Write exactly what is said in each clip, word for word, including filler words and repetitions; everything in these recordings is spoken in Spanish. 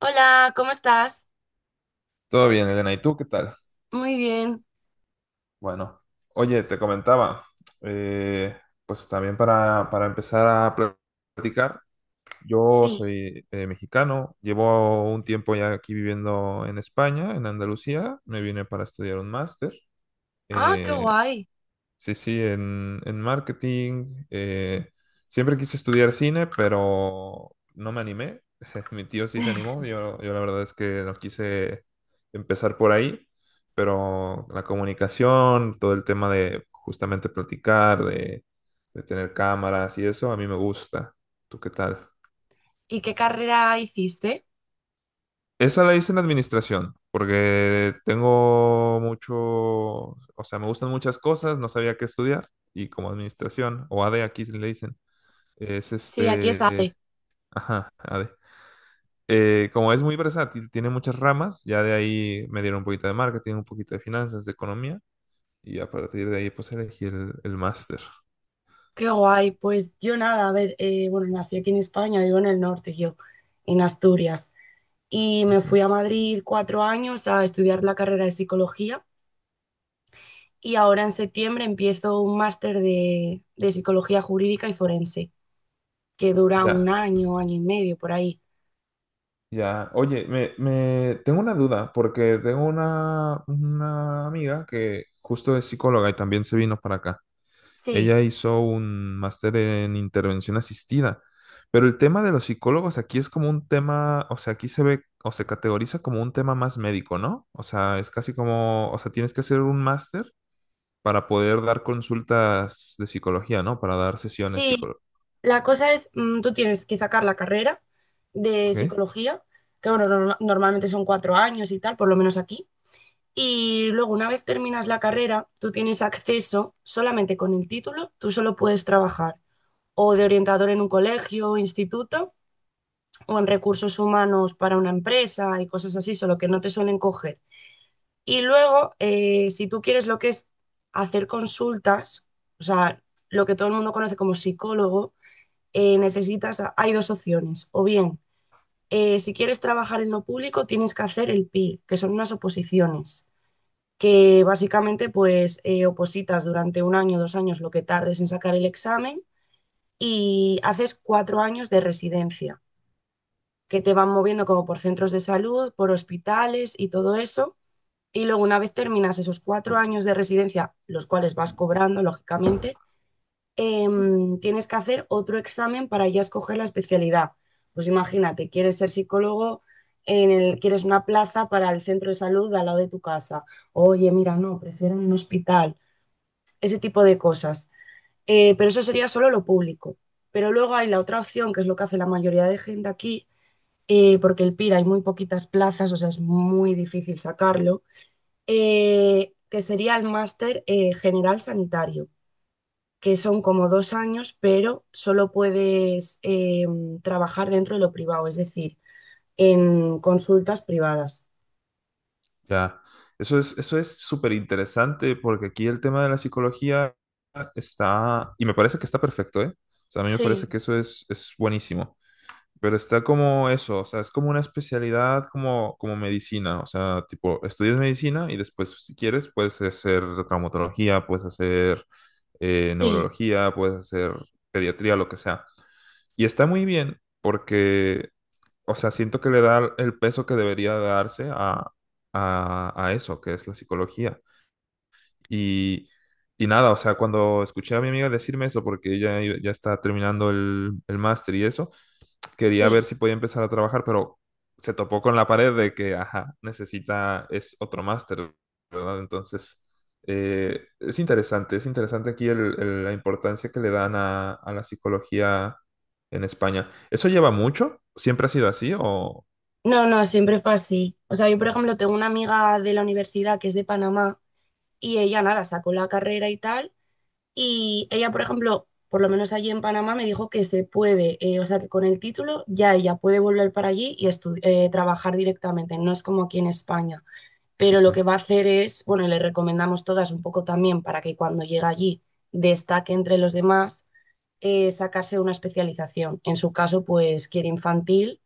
Hola, ¿cómo estás? Todo bien, Elena. ¿Y tú qué tal? Muy bien. Bueno, oye, te comentaba, eh, pues también para, para empezar a pl- platicar, yo Sí. soy eh, mexicano, llevo un tiempo ya aquí viviendo en España, en Andalucía, me vine para estudiar un máster, Ah, qué eh, guay. sí, sí, en, en marketing. Eh, siempre quise estudiar cine, pero no me animé. Mi tío sí se animó. Yo, yo la verdad es que no quise empezar por ahí, pero la comunicación, todo el tema de justamente platicar, de, de tener cámaras y eso, a mí me gusta. ¿Tú qué tal? ¿Y qué carrera hiciste? Esa la hice en administración, porque tengo mucho, o sea, me gustan muchas cosas, no sabía qué estudiar, y como administración, o A AD aquí le dicen. Es Sí, aquí está. este. Ajá, a ver. Eh, como es muy versátil, tiene muchas ramas. Ya de ahí me dieron un poquito de marketing, un poquito de finanzas, de economía. Y a partir de ahí, pues elegí el, el máster. Qué guay. Pues yo nada, a ver, eh, bueno, nací aquí en España, vivo en el norte, yo, en Asturias. Y me Ujú. fui a Madrid cuatro años a estudiar la carrera de psicología y ahora en septiembre empiezo un máster de, de psicología jurídica y forense, que dura un Ya, año, año y medio por ahí. ya. Oye, me, me- tengo una duda, porque tengo una, una amiga que justo es psicóloga y también se vino para acá. Sí. Ella hizo un máster en intervención asistida, pero el tema de los psicólogos aquí es como un tema, o sea, aquí se ve o se categoriza como un tema más médico, ¿no? O sea, es casi como, o sea, tienes que hacer un máster para poder dar consultas de psicología, ¿no? Para dar sesiones Sí, psicológicas. la cosa es, mm, tú tienes que sacar la carrera de ¿Ok? psicología, que bueno, norma- normalmente son cuatro años y tal, por lo menos aquí. Y luego, una vez terminas la carrera, tú tienes acceso solamente con el título, tú solo puedes trabajar o de orientador en un colegio, instituto, o en recursos humanos para una empresa y cosas así, solo que no te suelen coger. Y luego, eh, si tú quieres lo que es hacer consultas, o sea, lo que todo el mundo conoce como psicólogo, eh, necesitas, hay dos opciones, o bien, eh, si quieres trabajar en lo público, tienes que hacer el P I, que son unas oposiciones, que básicamente pues eh, opositas durante un año, dos años, lo que tardes en sacar el examen y haces cuatro años de residencia, que te van moviendo como por centros de salud, por hospitales y todo eso. Y luego una vez terminas esos cuatro años de residencia, los cuales vas cobrando, lógicamente, em, tienes que hacer otro examen para ya escoger la especialidad. Pues imagínate, quieres ser psicólogo, en el, quieres una plaza para el centro de salud de al lado de tu casa. Oye, mira, no, prefiero un hospital, ese tipo de cosas. Eh, pero eso sería solo lo público. Pero luego hay la otra opción, que es lo que hace la mayoría de gente aquí, eh, porque el pir hay muy poquitas plazas, o sea, es muy difícil sacarlo, eh, que sería el máster eh, general sanitario, que son como dos años, pero solo puedes eh, trabajar dentro de lo privado, es decir, en consultas privadas. Ya. Eso es, eso es súper interesante porque aquí el tema de la psicología está, y me parece que está perfecto, ¿eh? O sea, a mí me Sí, parece que eso es, es buenísimo. Pero está como eso, o sea, es como una especialidad como, como medicina, o sea, tipo, estudias medicina y después, si quieres, puedes hacer traumatología, puedes hacer eh, sí, neurología, puedes hacer pediatría, lo que sea. Y está muy bien porque, o sea, siento que le da el peso que debería darse a, a, a eso, que es la psicología. Y, y nada, o sea, cuando escuché a mi amiga decirme eso, porque ella iba- ya está terminando el, el máster y eso, quería ver sí. si podía empezar a trabajar, pero se topó con la pared de que, ajá, necesita, es otro máster, ¿verdad? Entonces, eh, es interesante, es interesante aquí el- el- la importancia que le dan a, a la psicología en España. ¿Eso lleva mucho? ¿Siempre ha sido así o...? No, no, siempre fue así. O sea, yo, por ejemplo, tengo una amiga de la universidad que es de Panamá y ella, nada, sacó la carrera y tal. Y ella, por ejemplo, por lo menos allí en Panamá me dijo que se puede, eh, o sea, que con el título ya ella puede volver para allí y estu- eh, trabajar directamente, no es como aquí en España. Sí, Pero lo sí. que va a hacer es, bueno, le recomendamos todas un poco también para que cuando llegue allí destaque entre los demás, eh, sacarse una especialización. En su caso, pues quiere infantil,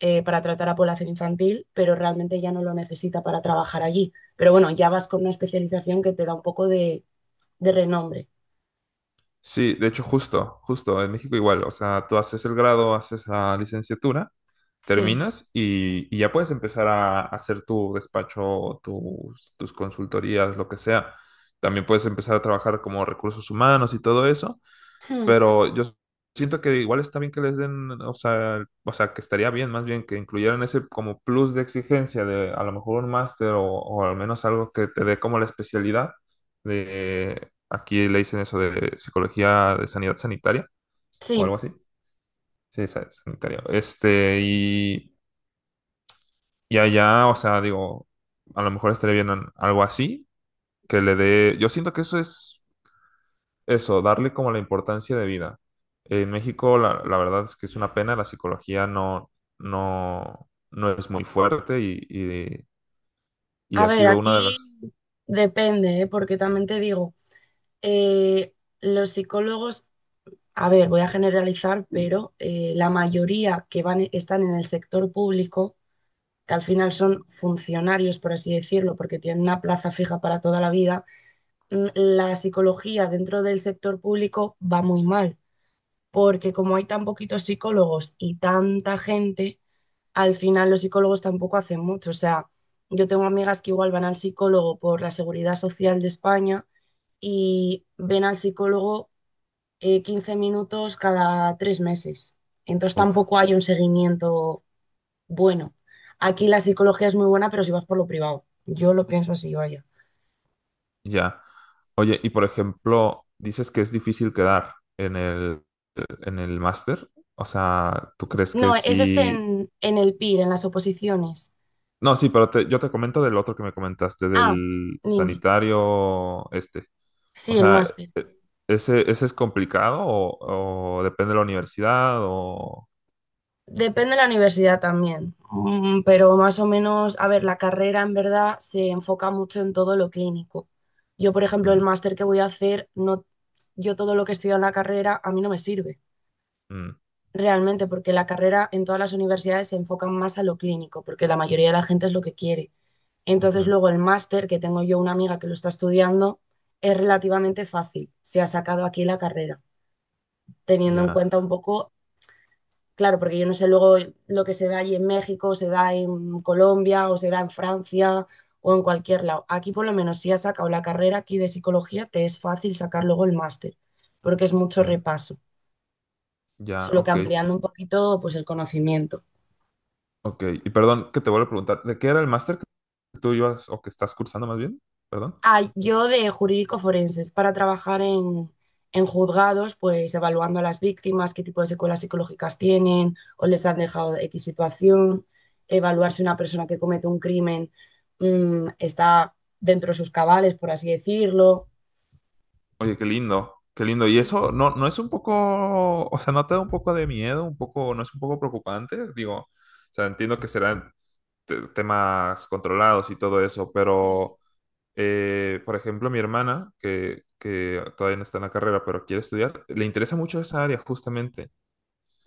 eh, para tratar a población infantil, pero realmente ya no lo necesita para trabajar allí. Pero bueno, ya vas con una especialización que te da un poco de, de renombre. Sí, de hecho, justo, justo, en México igual, o sea, tú haces el grado, haces la licenciatura Sí. terminas y, y ya puedes empezar a, hacer tu despacho, tus, tus consultorías, lo que sea. También puedes empezar a trabajar como recursos humanos y todo eso, Hmm, pero yo siento que igual está bien que les den, o sea, o sea, que estaría bien más bien que incluyeran ese como plus de exigencia de a lo mejor un máster o, o al menos algo que te dé como la especialidad de, aquí le dicen eso de psicología de sanidad sanitaria o sí. algo así. Sí, sa- sanitaria. Este, y y allá, o sea, digo, a lo mejor estaría bien an- algo así, que le dé, yo siento que eso es eso, darle como la importancia de vida. En México, la, la verdad es que es una pena, la psicología no, no, no es muy fuerte y, y, y A ha ver, sido una de aquí las... depende, ¿eh? Porque también te digo, eh, los psicólogos. A ver, voy a generalizar, pero eh, la mayoría que van están en el sector público, que al final son funcionarios, por así decirlo, porque tienen una plaza fija para toda la vida. Mm, la psicología dentro del sector público va muy mal, porque como hay tan poquitos psicólogos y tanta gente, al final los psicólogos tampoco hacen mucho. O sea, yo tengo amigas que igual van al psicólogo por la Seguridad Social de España y ven al psicólogo eh, quince minutos cada tres meses. Entonces Uf, tampoco hay un seguimiento bueno. Aquí la psicología es muy buena, pero si vas por lo privado. Yo lo pienso así, vaya. ya. Oye, y por ejemplo, dices que es difícil quedar en el, en el máster, o sea, ¿tú crees que No, ese es sí? en, en el pir, en las oposiciones. No, sí, pero te- yo te comento del otro que me comentaste, Ah, del dime. sanitario este. O Sí, el sea, máster. e- ¿ese, ese es complicado o, o depende de la universidad o...? Depende de la universidad también, mm, pero más o menos, a ver, la carrera en verdad se enfoca mucho en todo lo clínico. Yo, por ejemplo, el Mm, máster que voy a hacer, no, yo todo lo que estudio en la carrera a mí no me sirve. mm, Realmente, porque la carrera en todas las universidades se enfoca más a lo clínico, porque la mayoría de la gente es lo que quiere. Entonces, ujú, luego el máster, que tengo yo una amiga que lo está estudiando, es relativamente fácil. Se ha sacado aquí la carrera, teniendo en ya, cuenta un poco, claro, porque yo no sé luego lo que se da allí en México, se da en Colombia, o se da en Francia o en cualquier lado. Aquí por lo menos, si has sacado la carrera aquí de psicología, te es fácil sacar luego el máster, porque es mucho mm, repaso, ya, solo que ok, ampliando un poquito pues el conocimiento. ok. Y perdón que te vuelvo a preguntar, ¿de qué era el máster que tú ibas o que estás cursando más bien? Perdón. Ah, yo de jurídico forenses, para trabajar en, en juzgados, pues evaluando a las víctimas, qué tipo de secuelas psicológicas tienen o les han dejado X situación, evaluar si una persona que comete un crimen mm, está dentro de sus cabales, por así decirlo. Oye, qué lindo, qué lindo. ¿Y eso Sí, no, no es un poco, o sea, no te da un poco de miedo, un poco, no es un poco preocupante? Digo, o sea, entiendo que será te- temas controlados y todo eso, sí. pero eh, por ejemplo, mi hermana, que, que todavía no está en la carrera, pero quiere estudiar, le interesa mucho esa área justamente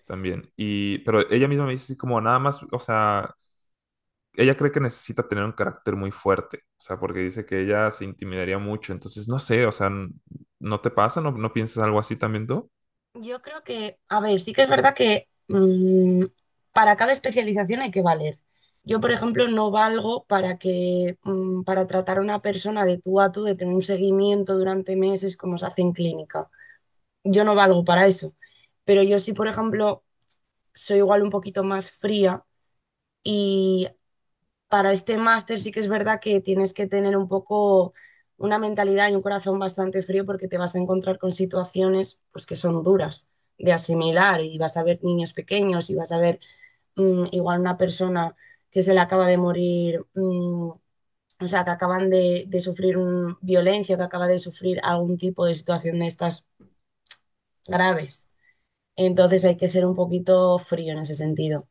también. Y, pero ella misma me dice así como nada más, o sea, ella cree que necesita tener un carácter muy fuerte, o sea, porque dice que ella se intimidaría mucho, entonces no sé, o sea, n- ¿no te pasa? ¿No, no piensas algo así también tú? Yo creo que, a ver, sí que es verdad que, mm, para cada especialización hay que valer. Yo, por ejemplo, no valgo para que, mm, para tratar a una persona de tú a tú, de tener un seguimiento durante meses como se hace en clínica. Yo no valgo para eso. Pero yo sí, por ejemplo, soy igual un poquito más fría, y para este máster sí que es verdad que tienes que tener un poco una mentalidad y un corazón bastante frío, porque te vas a encontrar con situaciones pues que son duras de asimilar, y vas a ver niños pequeños y vas a ver, mm, igual una persona que se le acaba de morir, mm, o sea, que acaban de, de sufrir un- violencia, que acaba de sufrir algún tipo de situación de estas graves. Entonces hay que ser un poquito frío en ese sentido.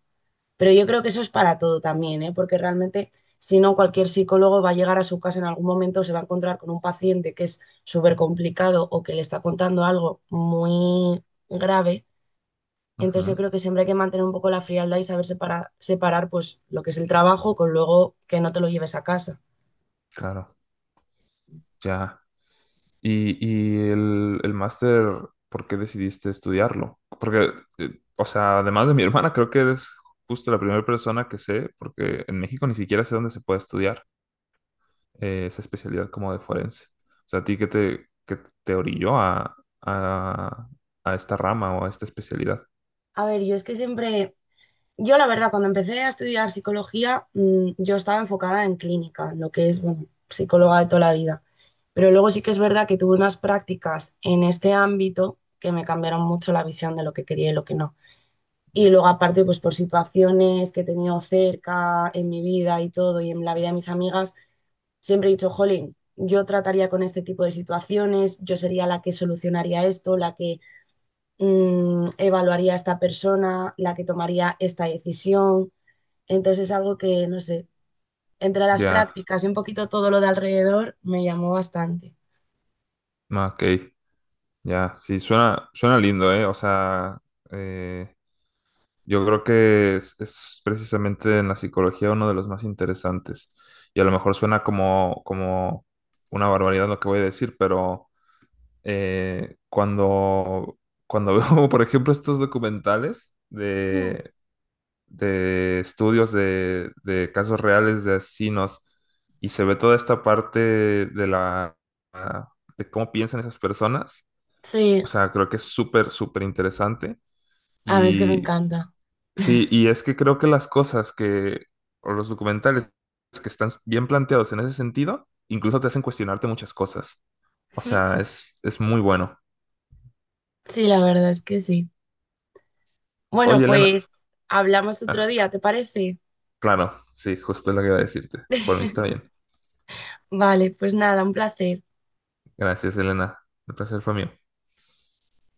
Pero yo creo que eso es para todo también, ¿eh? Porque realmente, si no, cualquier psicólogo va a llegar a su casa en algún momento, se va a encontrar con un paciente que es súper complicado o que le está contando algo muy grave. Entonces yo Ujú, creo que siempre hay que mantener un poco la frialdad y saber separar, separar pues lo que es el trabajo, con luego que no te lo lleves a casa. claro, ya. Y, y el, el máster, ¿por qué decidiste estudiarlo? Porque, eh, o sea, además de mi hermana, creo que eres justo la primera persona que sé, porque en México ni siquiera sé dónde se puede estudiar eh, esa especialidad como de forense. O sea, ¿a ti qué te, qué te orilló a, a, a esta rama o a esta especialidad? A ver, yo es que siempre. Yo, la verdad, cuando empecé a estudiar psicología, mm, yo estaba enfocada en clínica, en lo que es, bueno, psicóloga de toda la vida. Pero luego sí que es verdad que tuve unas prácticas en este ámbito que me cambiaron mucho la visión de lo que quería y lo que no. Y Ya, luego, aparte, pues por situaciones que he tenido cerca en mi vida y todo, y en la vida de mis amigas, siempre he dicho, jolín, yo trataría con este tipo de situaciones, yo sería la que solucionaría esto, la que, mm, evaluaría a esta persona, la que tomaría esta decisión, entonces es algo que, no sé, entre las ya, prácticas y un poquito todo lo de alrededor me llamó bastante. no, ok, ya, sí, suena, suena lindo, ¿eh? O sea, eh, yo creo que es, es precisamente en la psicología uno de los más interesantes. Y a lo mejor suena como, como una barbaridad lo que voy a decir, pero eh, cuando, cuando veo, por ejemplo, estos documentales Mm. de, de estudios de, de casos reales de asesinos y se ve toda esta parte de la, de cómo piensan esas personas, Sí, o sea, creo que es súper, súper interesante. a mí es que me Y encanta. sí, y es que creo que las cosas que, o los documentales que están bien planteados en ese sentido, incluso te hacen cuestionarte muchas cosas. O Ujú. sea, es, es muy bueno. Sí, la verdad es que sí. Bueno, Oye, Elena. pues hablamos otro Ah, día, ¿te parece? claro, sí, justo lo que iba a decirte. Por mí está bien. Vale, pues nada, un placer. Gracias, Elena. El placer fue mío.